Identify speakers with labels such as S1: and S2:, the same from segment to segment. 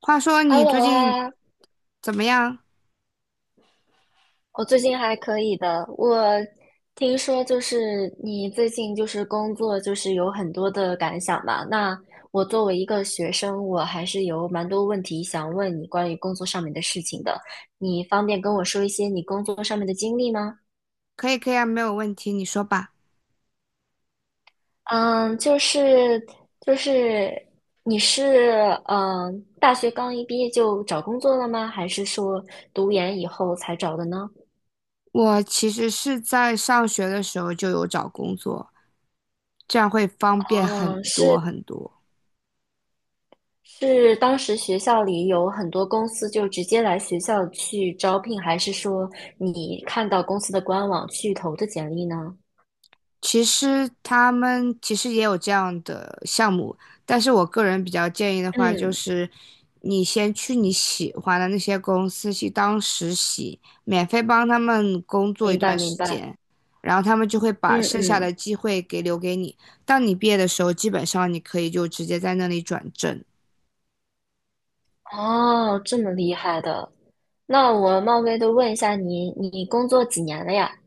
S1: 话说你最
S2: Hello
S1: 近
S2: 啊，
S1: 怎么样？
S2: 我最近还可以的。我听说就是你最近就是工作就是有很多的感想嘛。那我作为一个学生，我还是有蛮多问题想问你关于工作上面的事情的。你方便跟我说一些你工作上面的经历吗？
S1: 可以，可以啊，没有问题，你说吧。
S2: 嗯，就是你是大学刚一毕业就找工作了吗？还是说读研以后才找的呢？
S1: 我其实是在上学的时候就有找工作，这样会方便很
S2: 哦，
S1: 多
S2: 是。
S1: 很多。
S2: 是当时学校里有很多公司就直接来学校去招聘，还是说你看到公司的官网去投的简历呢？
S1: 其实他们其实也有这样的项目，但是我个人比较建议的话，就
S2: 嗯，
S1: 是你先去你喜欢的那些公司去当实习，免费帮他们工作一
S2: 明白
S1: 段
S2: 明
S1: 时
S2: 白，
S1: 间，然后他们就会把
S2: 嗯
S1: 剩下
S2: 嗯，
S1: 的机会给留给你。当你毕业的时候，基本上你可以就直接在那里转正。
S2: 哦，这么厉害的，那我冒昧的问一下你，你工作几年了呀？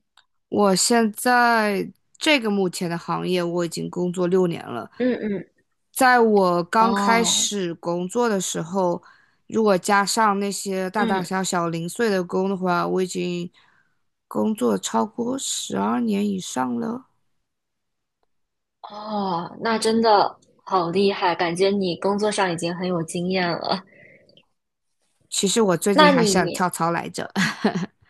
S1: 我现在这个目前的行业，我已经工作6年了。
S2: 嗯嗯，
S1: 在我刚开
S2: 哦，
S1: 始工作的时候，如果加上那些大
S2: 嗯。
S1: 大小小零碎的工的话，我已经工作超过12年以上了。
S2: 哦，那真的好厉害，感觉你工作上已经很有经验了。
S1: 其实我最近
S2: 那
S1: 还想
S2: 你
S1: 跳槽来着。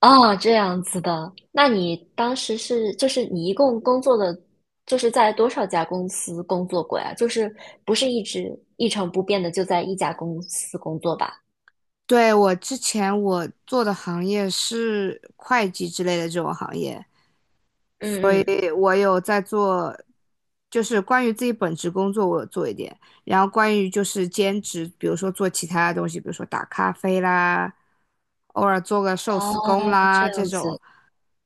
S2: 哦，这样子的。那你当时是，就是你一共工作的，就是在多少家公司工作过呀？就是不是一直一成不变的就在一家公司工作吧？
S1: 对，我之前我做的行业是会计之类的这种行业，
S2: 嗯嗯，
S1: 诶，我有在做，就是关于自己本职工作，我有做一点。然后关于就是兼职，比如说做其他的东西，比如说打咖啡啦，偶尔做个寿
S2: 哦，
S1: 司工
S2: 这
S1: 啦这
S2: 样
S1: 种。
S2: 子。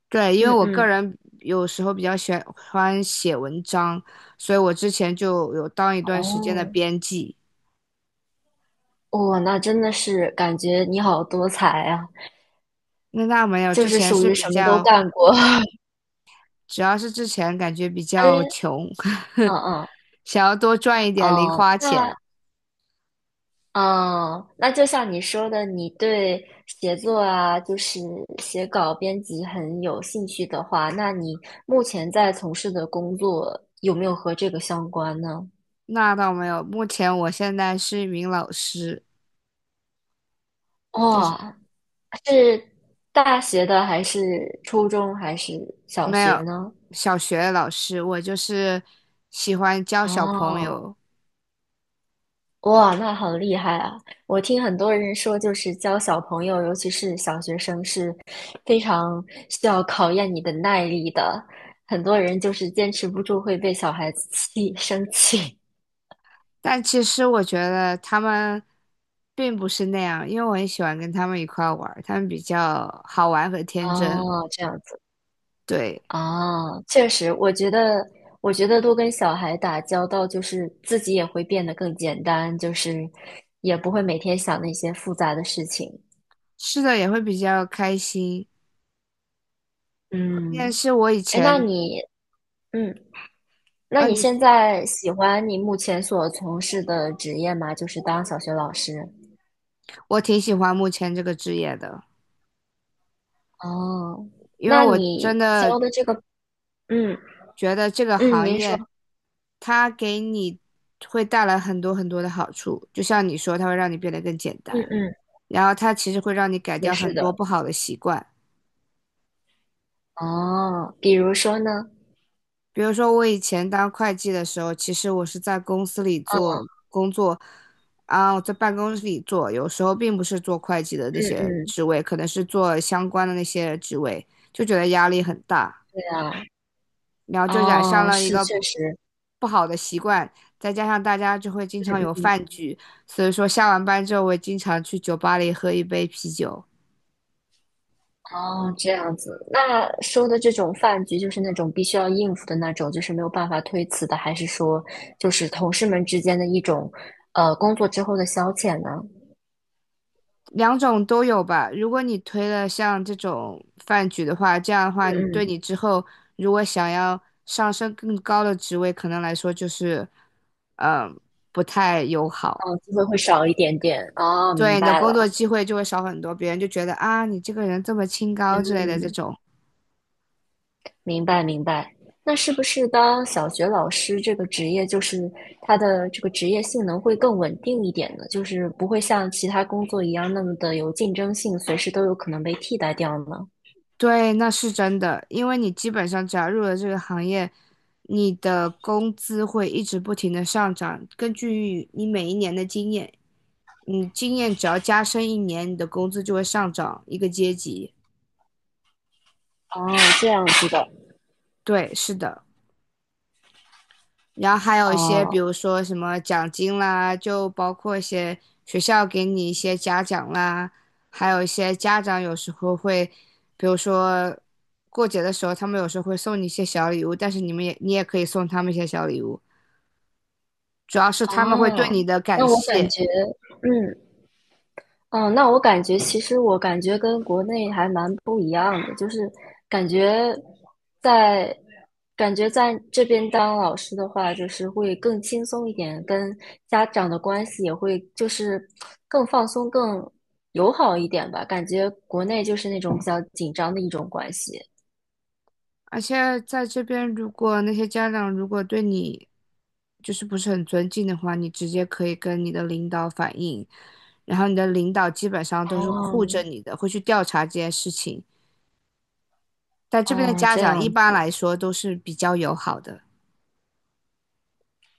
S1: 对，因为
S2: 嗯
S1: 我个
S2: 嗯，
S1: 人有时候比较喜欢写文章，所以我之前就有当一段时间的
S2: 哦，
S1: 编辑。
S2: 哇，那真的是感觉你好多才啊，
S1: 那那没有，
S2: 就
S1: 之
S2: 是
S1: 前
S2: 属
S1: 是
S2: 于
S1: 比
S2: 什么都
S1: 较，
S2: 干过。
S1: 主要是之前感觉比
S2: 哎，
S1: 较穷，
S2: 嗯嗯，
S1: 想要多赚一点零
S2: 哦，
S1: 花钱。
S2: 哦，那就像你说的，你对写作啊，就是写稿、编辑很有兴趣的话，那你目前在从事的工作有没有和这个相关呢？
S1: 那倒没有，目前我现在是一名老师，就是
S2: 哇，是大学的还是初中还是小
S1: 没
S2: 学
S1: 有
S2: 呢？
S1: 小学老师，我就是喜欢教小朋
S2: 哦，
S1: 友，
S2: 哇，那好厉害啊！我听很多人说，就是教小朋友，尤其是小学生，是非常需要考验你的耐力的。很多人就是坚持不住，会被小孩子生气。
S1: 但其实我觉得他们并不是那样，因为我很喜欢跟他们一块儿玩儿他们比较好玩和 天真，
S2: 哦，这样子
S1: 对，
S2: 啊，确实，我觉得多跟小孩打交道，就是自己也会变得更简单，就是也不会每天想那些复杂的事情。
S1: 是的也会比较开心。关键
S2: 嗯，
S1: 是我以
S2: 哎，
S1: 前，
S2: 嗯那
S1: 啊
S2: 你
S1: 你，
S2: 现在喜欢你目前所从事的职业吗？就是当小学老师。
S1: 我挺喜欢目前这个职业的，
S2: 哦，
S1: 因为
S2: 那
S1: 我
S2: 你
S1: 真的
S2: 教的这个，嗯
S1: 觉得这个
S2: 嗯，
S1: 行
S2: 您说，
S1: 业它给你会带来很多很多的好处，就像你说，它会让你变得更简
S2: 嗯
S1: 单，
S2: 嗯，
S1: 然后它其实会让你改
S2: 是的，
S1: 掉
S2: 是
S1: 很多
S2: 的。
S1: 不好的习惯。
S2: 哦，比如说呢？
S1: 比如说，我以前当会计的时候，其实我是在公司里做
S2: 嗯
S1: 工作，啊，我在办公室里做，有时候并不是做会计的那
S2: 嗯
S1: 些
S2: 嗯，
S1: 职位，可能是做相关的那些职位，就觉得压力很大。
S2: 对啊。
S1: 然后就染上
S2: 哦，
S1: 了一
S2: 是
S1: 个
S2: 确实，
S1: 不好的习惯，再加上大家就会经常
S2: 嗯
S1: 有
S2: 嗯，
S1: 饭局，所以说下完班之后，我经常去酒吧里喝一杯啤酒，
S2: 哦，这样子。那说的这种饭局，就是那种必须要应付的那种，就是没有办法推辞的，还是说就是同事们之间的一种，工作之后的消遣呢？
S1: 两种都有吧。如果你推了像这种饭局的话，这样的话你对
S2: 嗯。
S1: 你之后如果想要上升更高的职位，可能来说就是，嗯，不太友好。
S2: 哦，机会会少一点点。哦，
S1: 对
S2: 明
S1: 你的
S2: 白
S1: 工作
S2: 了。
S1: 机会就会少很多，别人就觉得啊，你这个人这么清高之类的这
S2: 嗯，
S1: 种。
S2: 明白明白。那是不是当小学老师这个职业，就是他的这个职业性能会更稳定一点呢？就是不会像其他工作一样那么的有竞争性，随时都有可能被替代掉呢？
S1: 对，那是真的，因为你基本上只要入了这个行业，你的工资会一直不停的上涨。根据你每一年的经验，你经验只要加深一年，你的工资就会上涨一个阶级。
S2: 哦，这样子的。
S1: 对，是的。然后还有一些，比
S2: 哦
S1: 如说什么奖金啦，就包括一些学校给你一些嘉奖啦，还有一些家长有时候会，比如说过节的时候，他们有时候会送你一些小礼物，但是你们也你也可以送他们一些小礼物，主要是他们会对
S2: 哦，
S1: 你的感
S2: 那我感
S1: 谢。
S2: 觉，嗯，嗯，那我感觉其实我感觉跟国内还蛮不一样的，就是感觉在感觉在这边当老师的话，就是会更轻松一点，跟家长的关系也会就是更放松、更友好一点吧。感觉国内就是那种比较紧张的一种关系。
S1: 而且在这边，如果那些家长如果对你就是不是很尊敬的话，你直接可以跟你的领导反映，然后你的领导基本上都是会护着
S2: 哦，
S1: 你的，会去调查这件事情。但这边的
S2: 哦，
S1: 家
S2: 这
S1: 长一
S2: 样。
S1: 般来说都是比较友好的，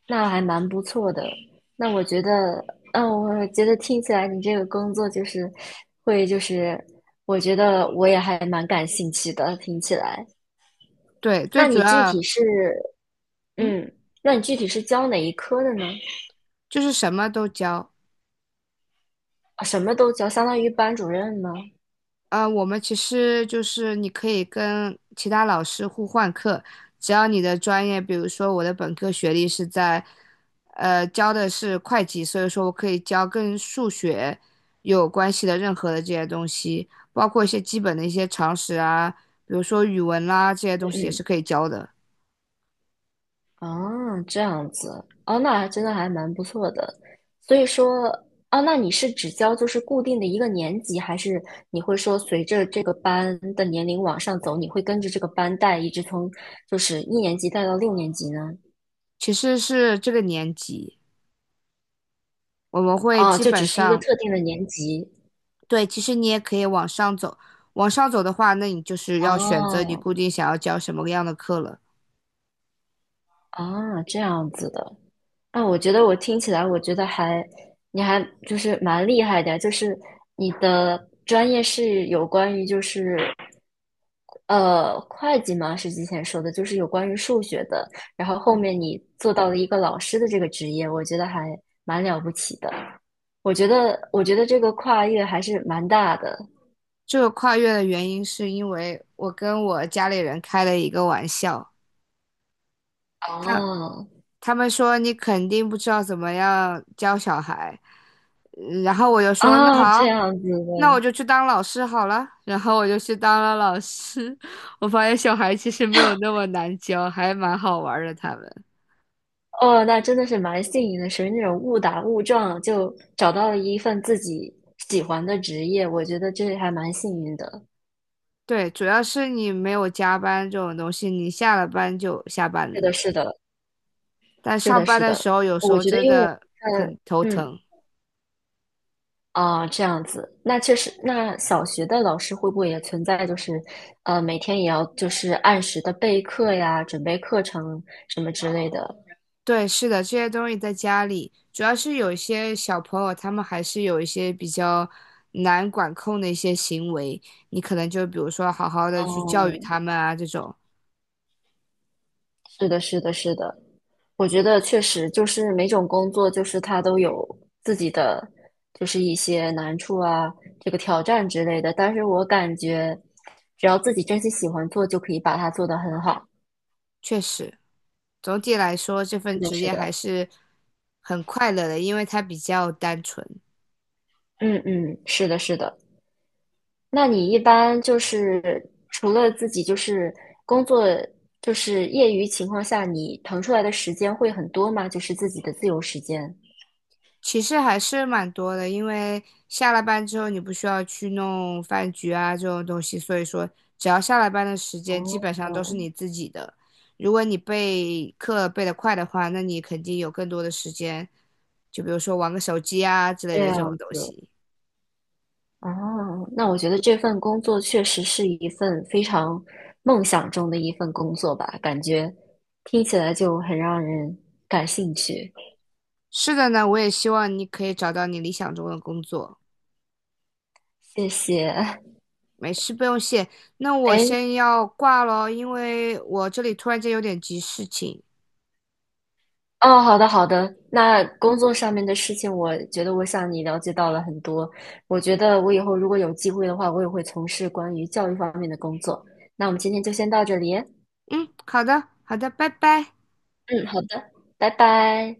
S2: 那还蛮不错的。那我觉得，嗯，我觉得听起来你这个工作就是会，就是我觉得我也还蛮感兴趣的。听起来，
S1: 对，最
S2: 那
S1: 主
S2: 你具
S1: 要，
S2: 体是，
S1: 嗯，
S2: 嗯，那你具体是教哪一科的呢？
S1: 就是什么都教。
S2: 啊什么都教，相当于班主任吗？
S1: 我们其实就是你可以跟其他老师互换课，只要你的专业，比如说我的本科学历是在，教的是会计，所以说我可以教跟数学有关系的任何的这些东西，包括一些基本的一些常识啊，比如说语文啦，这些东西也
S2: 嗯。
S1: 是可以教的。
S2: 啊，这样子，哦，那还真的还蛮不错的。所以说，哦，那你是只教就是固定的一个年级，还是你会说随着这个班的年龄往上走，你会跟着这个班带，一直从就是一年级带到六年级呢？
S1: 其实是这个年级，我们会
S2: 哦，
S1: 基
S2: 就只
S1: 本
S2: 是一个
S1: 上，
S2: 特定的年级。
S1: 对，其实你也可以往上走，往上走的话，那你就是要选择你
S2: 哦，
S1: 固定想要教什么样的课了。
S2: 啊，这样子的。啊，我觉得我听起来，我觉得还，你还就是蛮厉害的，就是你的专业是有关于就是会计吗？是之前说的，就是有关于数学的，然后后
S1: 对，
S2: 面你做到了一个老师的这个职业，我觉得还蛮了不起的。我觉得这个跨越还是蛮大的。
S1: 这个跨越的原因是因为我跟我家里人开了一个玩笑，他
S2: 哦，
S1: 他们说你肯定不知道怎么样教小孩，嗯然后我就说那
S2: 啊，这
S1: 好，
S2: 样子
S1: 那我
S2: 的，
S1: 就去当老师好了，然后我就去当了老师，我发现小孩其实没有那么难教，还蛮好玩儿的他们。
S2: 哦，那真的是蛮幸运的，属于那种误打误撞就找到了一份自己喜欢的职业，我觉得这还蛮幸运的。
S1: 对，主要是你没有加班这种东西，你下了班就下班
S2: 是
S1: 了，
S2: 的，是的，
S1: 但
S2: 是
S1: 上
S2: 的，
S1: 班
S2: 是
S1: 的时
S2: 的，
S1: 候有时
S2: 我
S1: 候
S2: 觉得
S1: 真
S2: 因为
S1: 的很头
S2: 嗯嗯，
S1: 疼。
S2: 啊，这样子，那确实，那小学的老师会不会也存在，就是每天也要就是按时的备课呀，准备课程什么之类的？
S1: 对，是的，这些东西在家里，主要是有一些小朋友，他们还是有一些比较难管控的一些行为，你可能就比如说好好的去教育
S2: 哦，
S1: 他们啊，这种
S2: 是的，是的，是的。我觉得确实就是每种工作，就是它都有自己的，就是一些难处啊，这个挑战之类的。但是我感觉，只要自己真心喜欢做，就可以把它做得很好。
S1: 确实，总体来说这
S2: 是
S1: 份
S2: 的，
S1: 职
S2: 是
S1: 业
S2: 的，
S1: 还是很快乐的，因为它比较单纯。
S2: 嗯嗯，是的，是的。那你一般就是除了自己就是工作，就是业余情况下，你腾出来的时间会很多吗？就是自己的自由时间。
S1: 其实还是蛮多的，因为下了班之后你不需要去弄饭局啊这种东西，所以说只要下了班的时间基本上都是
S2: 哦，
S1: 你自己的。如果你备课备得快的话，那你肯定有更多的时间，就比如说玩个手机啊之类
S2: 这
S1: 的这种
S2: 样
S1: 东
S2: 子，
S1: 西。
S2: 哦，那我觉得这份工作确实是一份非常梦想中的一份工作吧，感觉听起来就很让人感兴趣。
S1: 是的呢，我也希望你可以找到你理想中的工作。
S2: 谢谢。
S1: 没事，不用谢。那我
S2: 哎，
S1: 先要挂咯，因为我这里突然间有点急事情。
S2: 哦，好的好的，那工作上面的事情，我觉得我向你了解到了很多。我觉得我以后如果有机会的话，我也会从事关于教育方面的工作。那我们今天就先到这里。
S1: 嗯，好的，好的，拜拜。
S2: 嗯，好的，拜拜。